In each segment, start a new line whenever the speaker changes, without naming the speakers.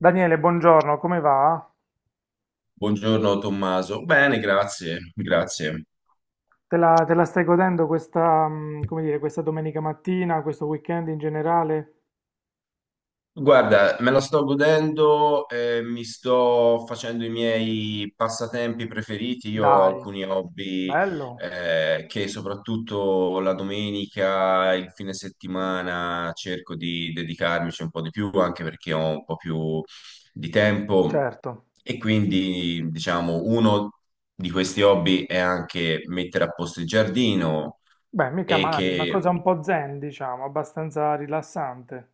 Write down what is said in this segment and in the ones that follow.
Daniele, buongiorno, come va?
Buongiorno Tommaso. Bene, grazie, grazie.
Te la stai godendo questa, come dire, questa domenica mattina, questo weekend in generale?
Guarda, me la sto godendo, mi sto facendo i miei passatempi preferiti. Io ho
Dai,
alcuni hobby,
bello,
che soprattutto la domenica, il fine settimana cerco di dedicarmici un po' di più, anche perché ho un po' più di tempo.
certo.
E quindi, diciamo, uno di questi hobby è anche mettere a posto il giardino
Beh, mica
e
male, una cosa
che
un po' zen, diciamo, abbastanza rilassante.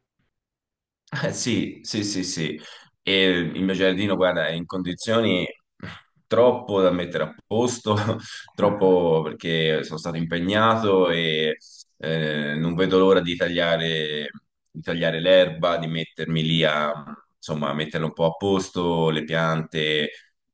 eh, sì, sì, sì, sì. E il mio giardino, guarda, è in condizioni troppo da mettere a posto, troppo, perché sono stato impegnato e non vedo l'ora di tagliare l'erba, di mettermi lì a, insomma, a metterla un po' a posto, le piante,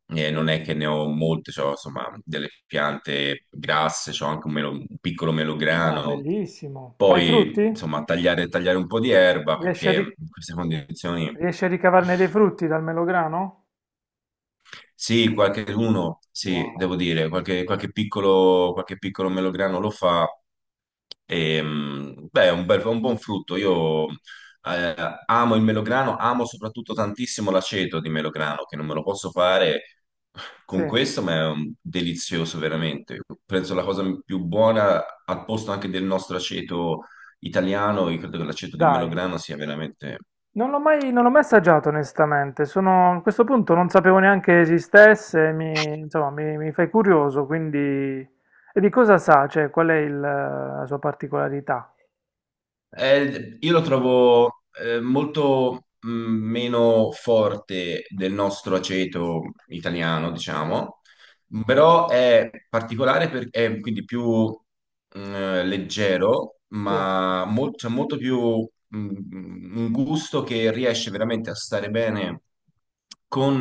non è che ne ho molte, c'ho, insomma, delle piante grasse, c'ho anche un, un piccolo
Ah,
melograno.
bellissimo. Fai
Poi,
frutti?
insomma, tagliare, tagliare un po' di erba
Riesci a,
perché
ri-
in queste condizioni
riesci a ricavarne dei frutti dal melograno?
sì, qualcheduno, sì,
Wow.
devo dire, qualche, qualche piccolo melograno lo fa. E, beh, è un è un buon frutto. Io amo il melograno, amo soprattutto tantissimo l'aceto di melograno, che non me lo posso fare
Sì,
con questo, ma è un- delizioso veramente. Penso la cosa più buona, al posto anche del nostro aceto italiano, io credo che l'aceto di
dai.
melograno sia veramente...
Non l'ho mai assaggiato onestamente, sono, a questo punto non sapevo neanche esistesse, insomma, mi fai curioso, quindi. E di cosa sa? Cioè, qual è la sua particolarità?
Io lo trovo molto meno forte del nostro aceto italiano,
Mhm.
diciamo, però è particolare perché è quindi più leggero,
Sì.
ma c'è molto più un gusto che riesce veramente a stare bene con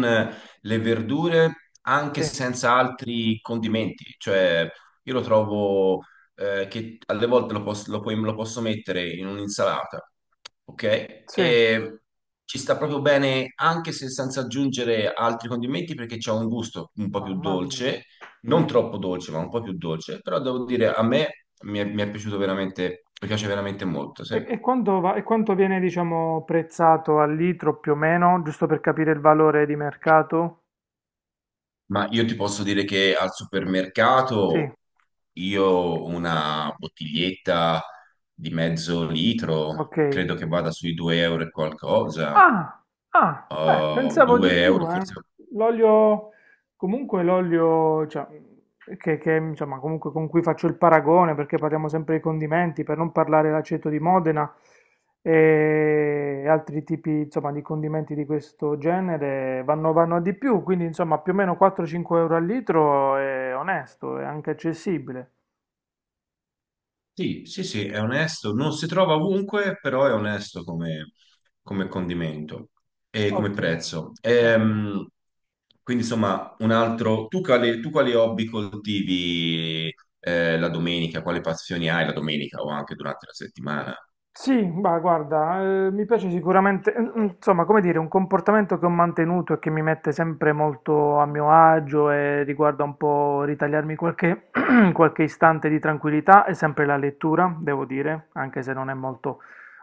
le verdure anche
Sì,
senza altri condimenti, cioè io lo trovo che alle volte lo, lo posso mettere in un'insalata, ok?
sì,
E ci sta proprio bene anche se senza aggiungere altri condimenti perché c'ha un gusto un po' più
mamma mia.
dolce, non Mm. troppo dolce, ma un po' più dolce, però devo dire a me mi è piaciuto veramente, mi piace veramente molto, sì.
E quanto viene, diciamo, prezzato al litro più o meno, giusto per capire il valore di mercato?
Ma io ti posso dire che al
Sì,
supermercato io una bottiglietta di mezzo litro
ok.
credo che vada sui 2 euro e qualcosa.
Ah, ah, beh, pensavo
2
di
euro,
più, eh.
forse.
L'olio, comunque l'olio, cioè, che, insomma, comunque con cui faccio il paragone, perché parliamo sempre di condimenti, per non parlare l'aceto di Modena e altri tipi, insomma, di condimenti di questo genere, vanno a di più, quindi, insomma, più o meno 4-5 euro al litro è onesto, è anche accessibile.
Sì, sì, sì, è onesto. Non si trova ovunque, però è onesto come, come condimento e come
Ottimo,
prezzo.
ottimo.
Quindi, insomma, un altro. Tu quali hobby coltivi la domenica? Quali passioni hai la domenica o anche durante la settimana?
Sì, bah, guarda, mi piace sicuramente, insomma, come dire, un comportamento che ho mantenuto e che mi mette sempre molto a mio agio e riguarda un po' ritagliarmi qualche, qualche istante di tranquillità è sempre la lettura, devo dire, anche se non è molto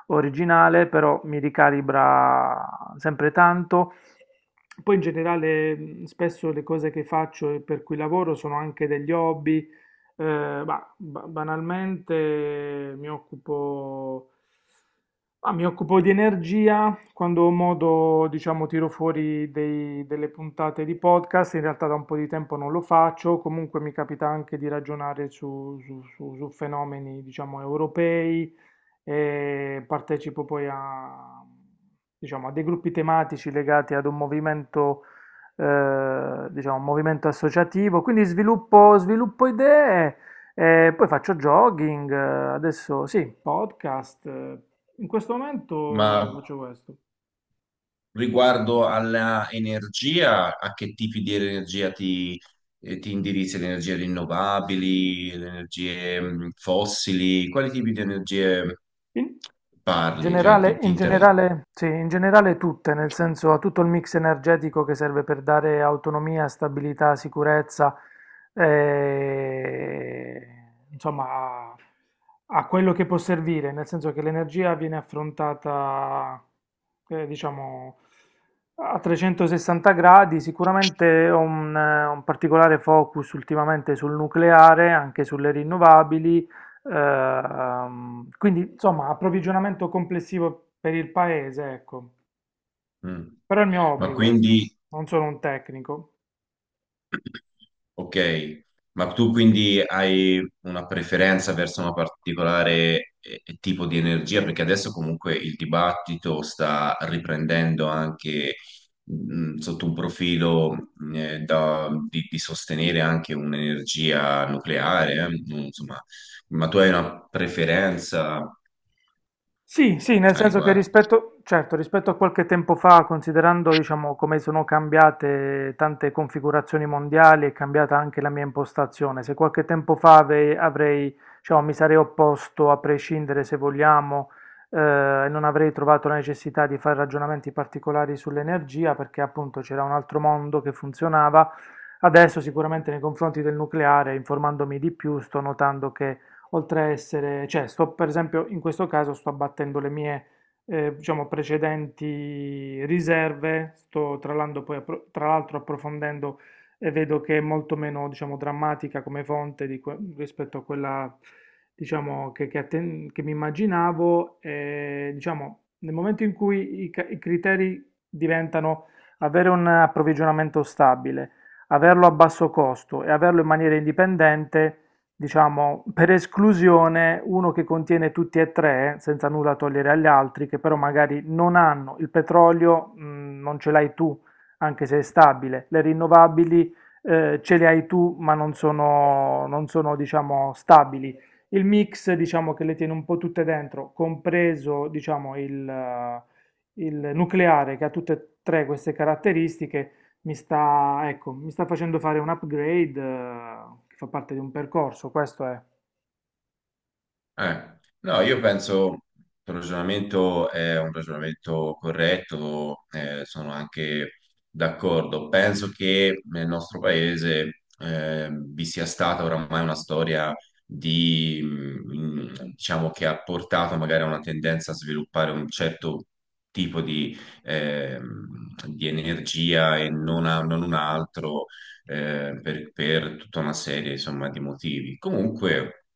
originale, però mi ricalibra sempre tanto. Poi in generale, spesso le cose che faccio e per cui lavoro sono anche degli hobby, bah, banalmente mi occupo di energia, quando ho modo, diciamo, tiro fuori delle puntate di podcast, in realtà da un po' di tempo non lo faccio, comunque mi capita anche di ragionare su fenomeni, diciamo, europei e partecipo poi a, diciamo, a dei gruppi tematici legati ad un movimento, diciamo, un movimento associativo, quindi sviluppo idee e poi faccio jogging. Adesso sì, podcast. In questo
Ma
momento faccio questo.
riguardo alla energia, a che tipi di energia ti indirizzi? Le energie rinnovabili, le energie fossili? Quali tipi di energie
In- In
parli? Cioè, ti,
generale,
ti
in
interessa?
generale, sì, in generale tutte, nel senso a tutto il mix energetico che serve per dare autonomia, stabilità, sicurezza, eh, insomma, a, a, quello che può servire, nel senso che l'energia viene affrontata, diciamo, a 360 gradi. Sicuramente ho un particolare focus ultimamente sul nucleare, anche sulle rinnovabili, quindi, insomma, approvvigionamento complessivo per il paese, ecco.
Mm.
Però è il mio
Ma
hobby questo,
quindi
non sono un tecnico.
ok, ma tu quindi hai una preferenza verso una particolare tipo di energia? Perché adesso comunque il dibattito sta riprendendo anche sotto un profilo mm, di sostenere anche un'energia nucleare, insomma, ma tu hai una preferenza
Sì, sì, nel
a
senso che
riguardo?
rispetto, certo, rispetto a qualche tempo fa, considerando, diciamo, come sono cambiate tante configurazioni mondiali, è cambiata anche la mia impostazione. Se qualche tempo fa avrei, diciamo, mi sarei opposto a prescindere, se vogliamo, e non avrei trovato la necessità di fare ragionamenti particolari sull'energia, perché appunto c'era un altro mondo che funzionava. Adesso sicuramente nei confronti del nucleare, informandomi di più, sto notando che oltre a essere, cioè sto per esempio in questo caso sto abbattendo le mie diciamo precedenti riserve, sto tra l'altro poi appro- tra l'altro approfondendo e vedo che è molto meno diciamo drammatica come fonte di rispetto a quella diciamo che mi immaginavo e diciamo nel momento in cui i criteri diventano avere un approvvigionamento stabile, averlo a basso costo e averlo in maniera indipendente diciamo, per esclusione uno che contiene tutti e tre, senza nulla togliere agli altri, che però magari non hanno il petrolio, non ce l'hai tu, anche se è stabile, le rinnovabili ce le hai tu, ma non sono, diciamo, stabili. Il mix, diciamo, che le tiene un po' tutte dentro, compreso, diciamo, il nucleare che ha tutte e tre queste caratteristiche mi sta, ecco, mi sta facendo fare un upgrade, che fa parte di un percorso, questo è.
No, io penso che il ragionamento è un ragionamento corretto, sono anche d'accordo. Penso che nel nostro paese vi sia stata oramai una storia di, mm, diciamo, che ha portato magari a una tendenza a sviluppare un certo tipo di energia e non, non un altro per tutta una serie, insomma, di motivi. Comunque,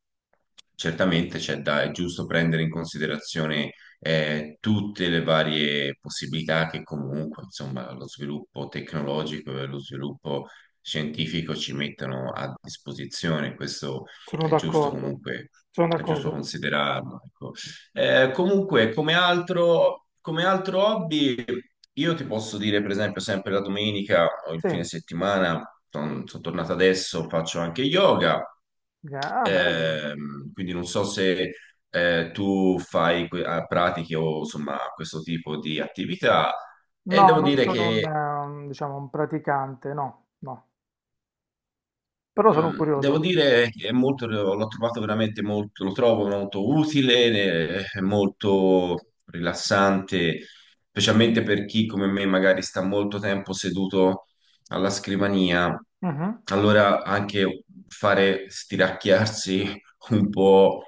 certamente c'è da, è giusto prendere in considerazione tutte le varie possibilità che comunque, insomma, lo sviluppo tecnologico e lo sviluppo scientifico ci mettono a disposizione. Questo
Sono
è giusto
d'accordo.
comunque,
Sono
è giusto
d'accordo.
considerarlo, ecco. Comunque, come altro hobby, io ti posso dire, per esempio, sempre la domenica o il
Sì,
fine settimana, sono tornato adesso, faccio anche yoga.
ah, bello.
Quindi non so se tu fai pratiche o insomma questo tipo di attività. E
No,
devo
non
dire
sono un, eh,
che
un, diciamo, un praticante, no, no, però sono
mm, devo
curioso.
dire che è molto, l'ho trovato veramente molto, lo trovo molto utile, è molto rilassante, specialmente per chi come me magari sta molto tempo seduto alla scrivania.
Mhm.
Allora anche fare stiracchiarsi un po',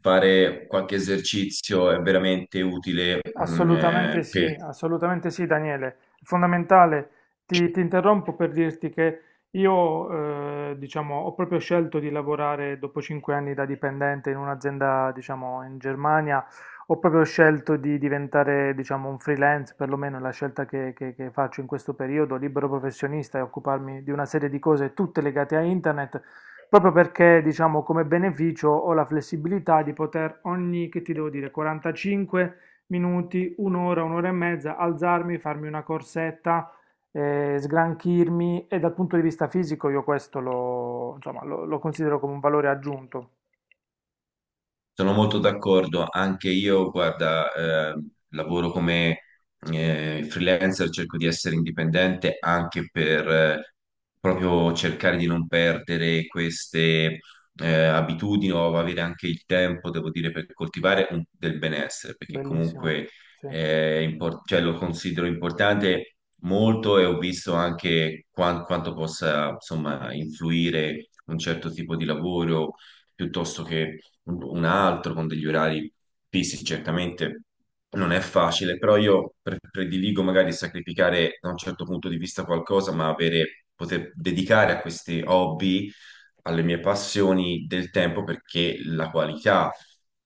fare qualche esercizio è veramente utile, mm, per...
Assolutamente sì, Daniele. È fondamentale. Ti interrompo per dirti che io, diciamo, ho proprio scelto di lavorare dopo 5 anni da dipendente in un'azienda, diciamo, in Germania. Ho proprio scelto di diventare, diciamo, un freelance, perlomeno è la scelta che faccio in questo periodo, libero professionista e occuparmi di una serie di cose tutte legate a internet. Proprio perché, diciamo, come beneficio ho la flessibilità di poter ogni, che ti devo dire, 45 minuti, un'ora, un'ora e mezza, alzarmi, farmi una corsetta, sgranchirmi e dal punto di vista fisico io questo insomma, lo considero come un valore aggiunto.
Sono molto d'accordo, anche io, guarda, lavoro come freelancer, cerco di essere indipendente anche per proprio cercare di non perdere queste abitudini o avere anche il tempo, devo dire, per coltivare un- del benessere, perché
Bellissimo,
comunque
sì,
cioè, lo considero importante molto e ho visto anche quanto possa, insomma, influire un certo tipo di lavoro piuttosto che un altro con degli orari fissi, certamente non è facile, però io prediligo magari sacrificare da un certo punto di vista qualcosa, ma avere, poter dedicare a questi hobby, alle mie passioni del tempo, perché la qualità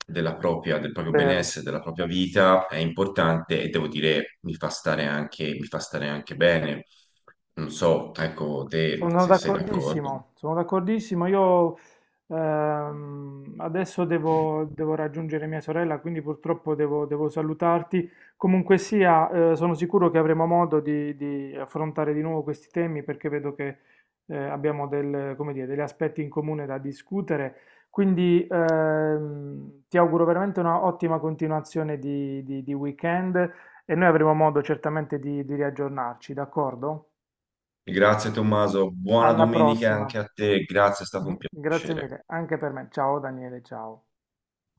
della propria, del proprio
vero.
benessere, della propria vita è importante e devo dire mi fa stare anche, mi fa stare anche bene. Non so, ecco, te
Sono
se sei d'accordo.
d'accordissimo, sono d'accordissimo. Io adesso devo raggiungere mia sorella, quindi purtroppo devo salutarti. Comunque sia, sono sicuro che avremo modo di affrontare di nuovo questi temi perché vedo che abbiamo come dire, degli aspetti in comune da discutere. Quindi ti auguro veramente una ottima continuazione di weekend e noi avremo modo certamente di riaggiornarci, d'accordo?
Grazie Tommaso, buona
Alla
domenica
prossima.
anche a te, grazie, è stato un
Grazie
piacere.
mille, anche per me. Ciao Daniele, ciao.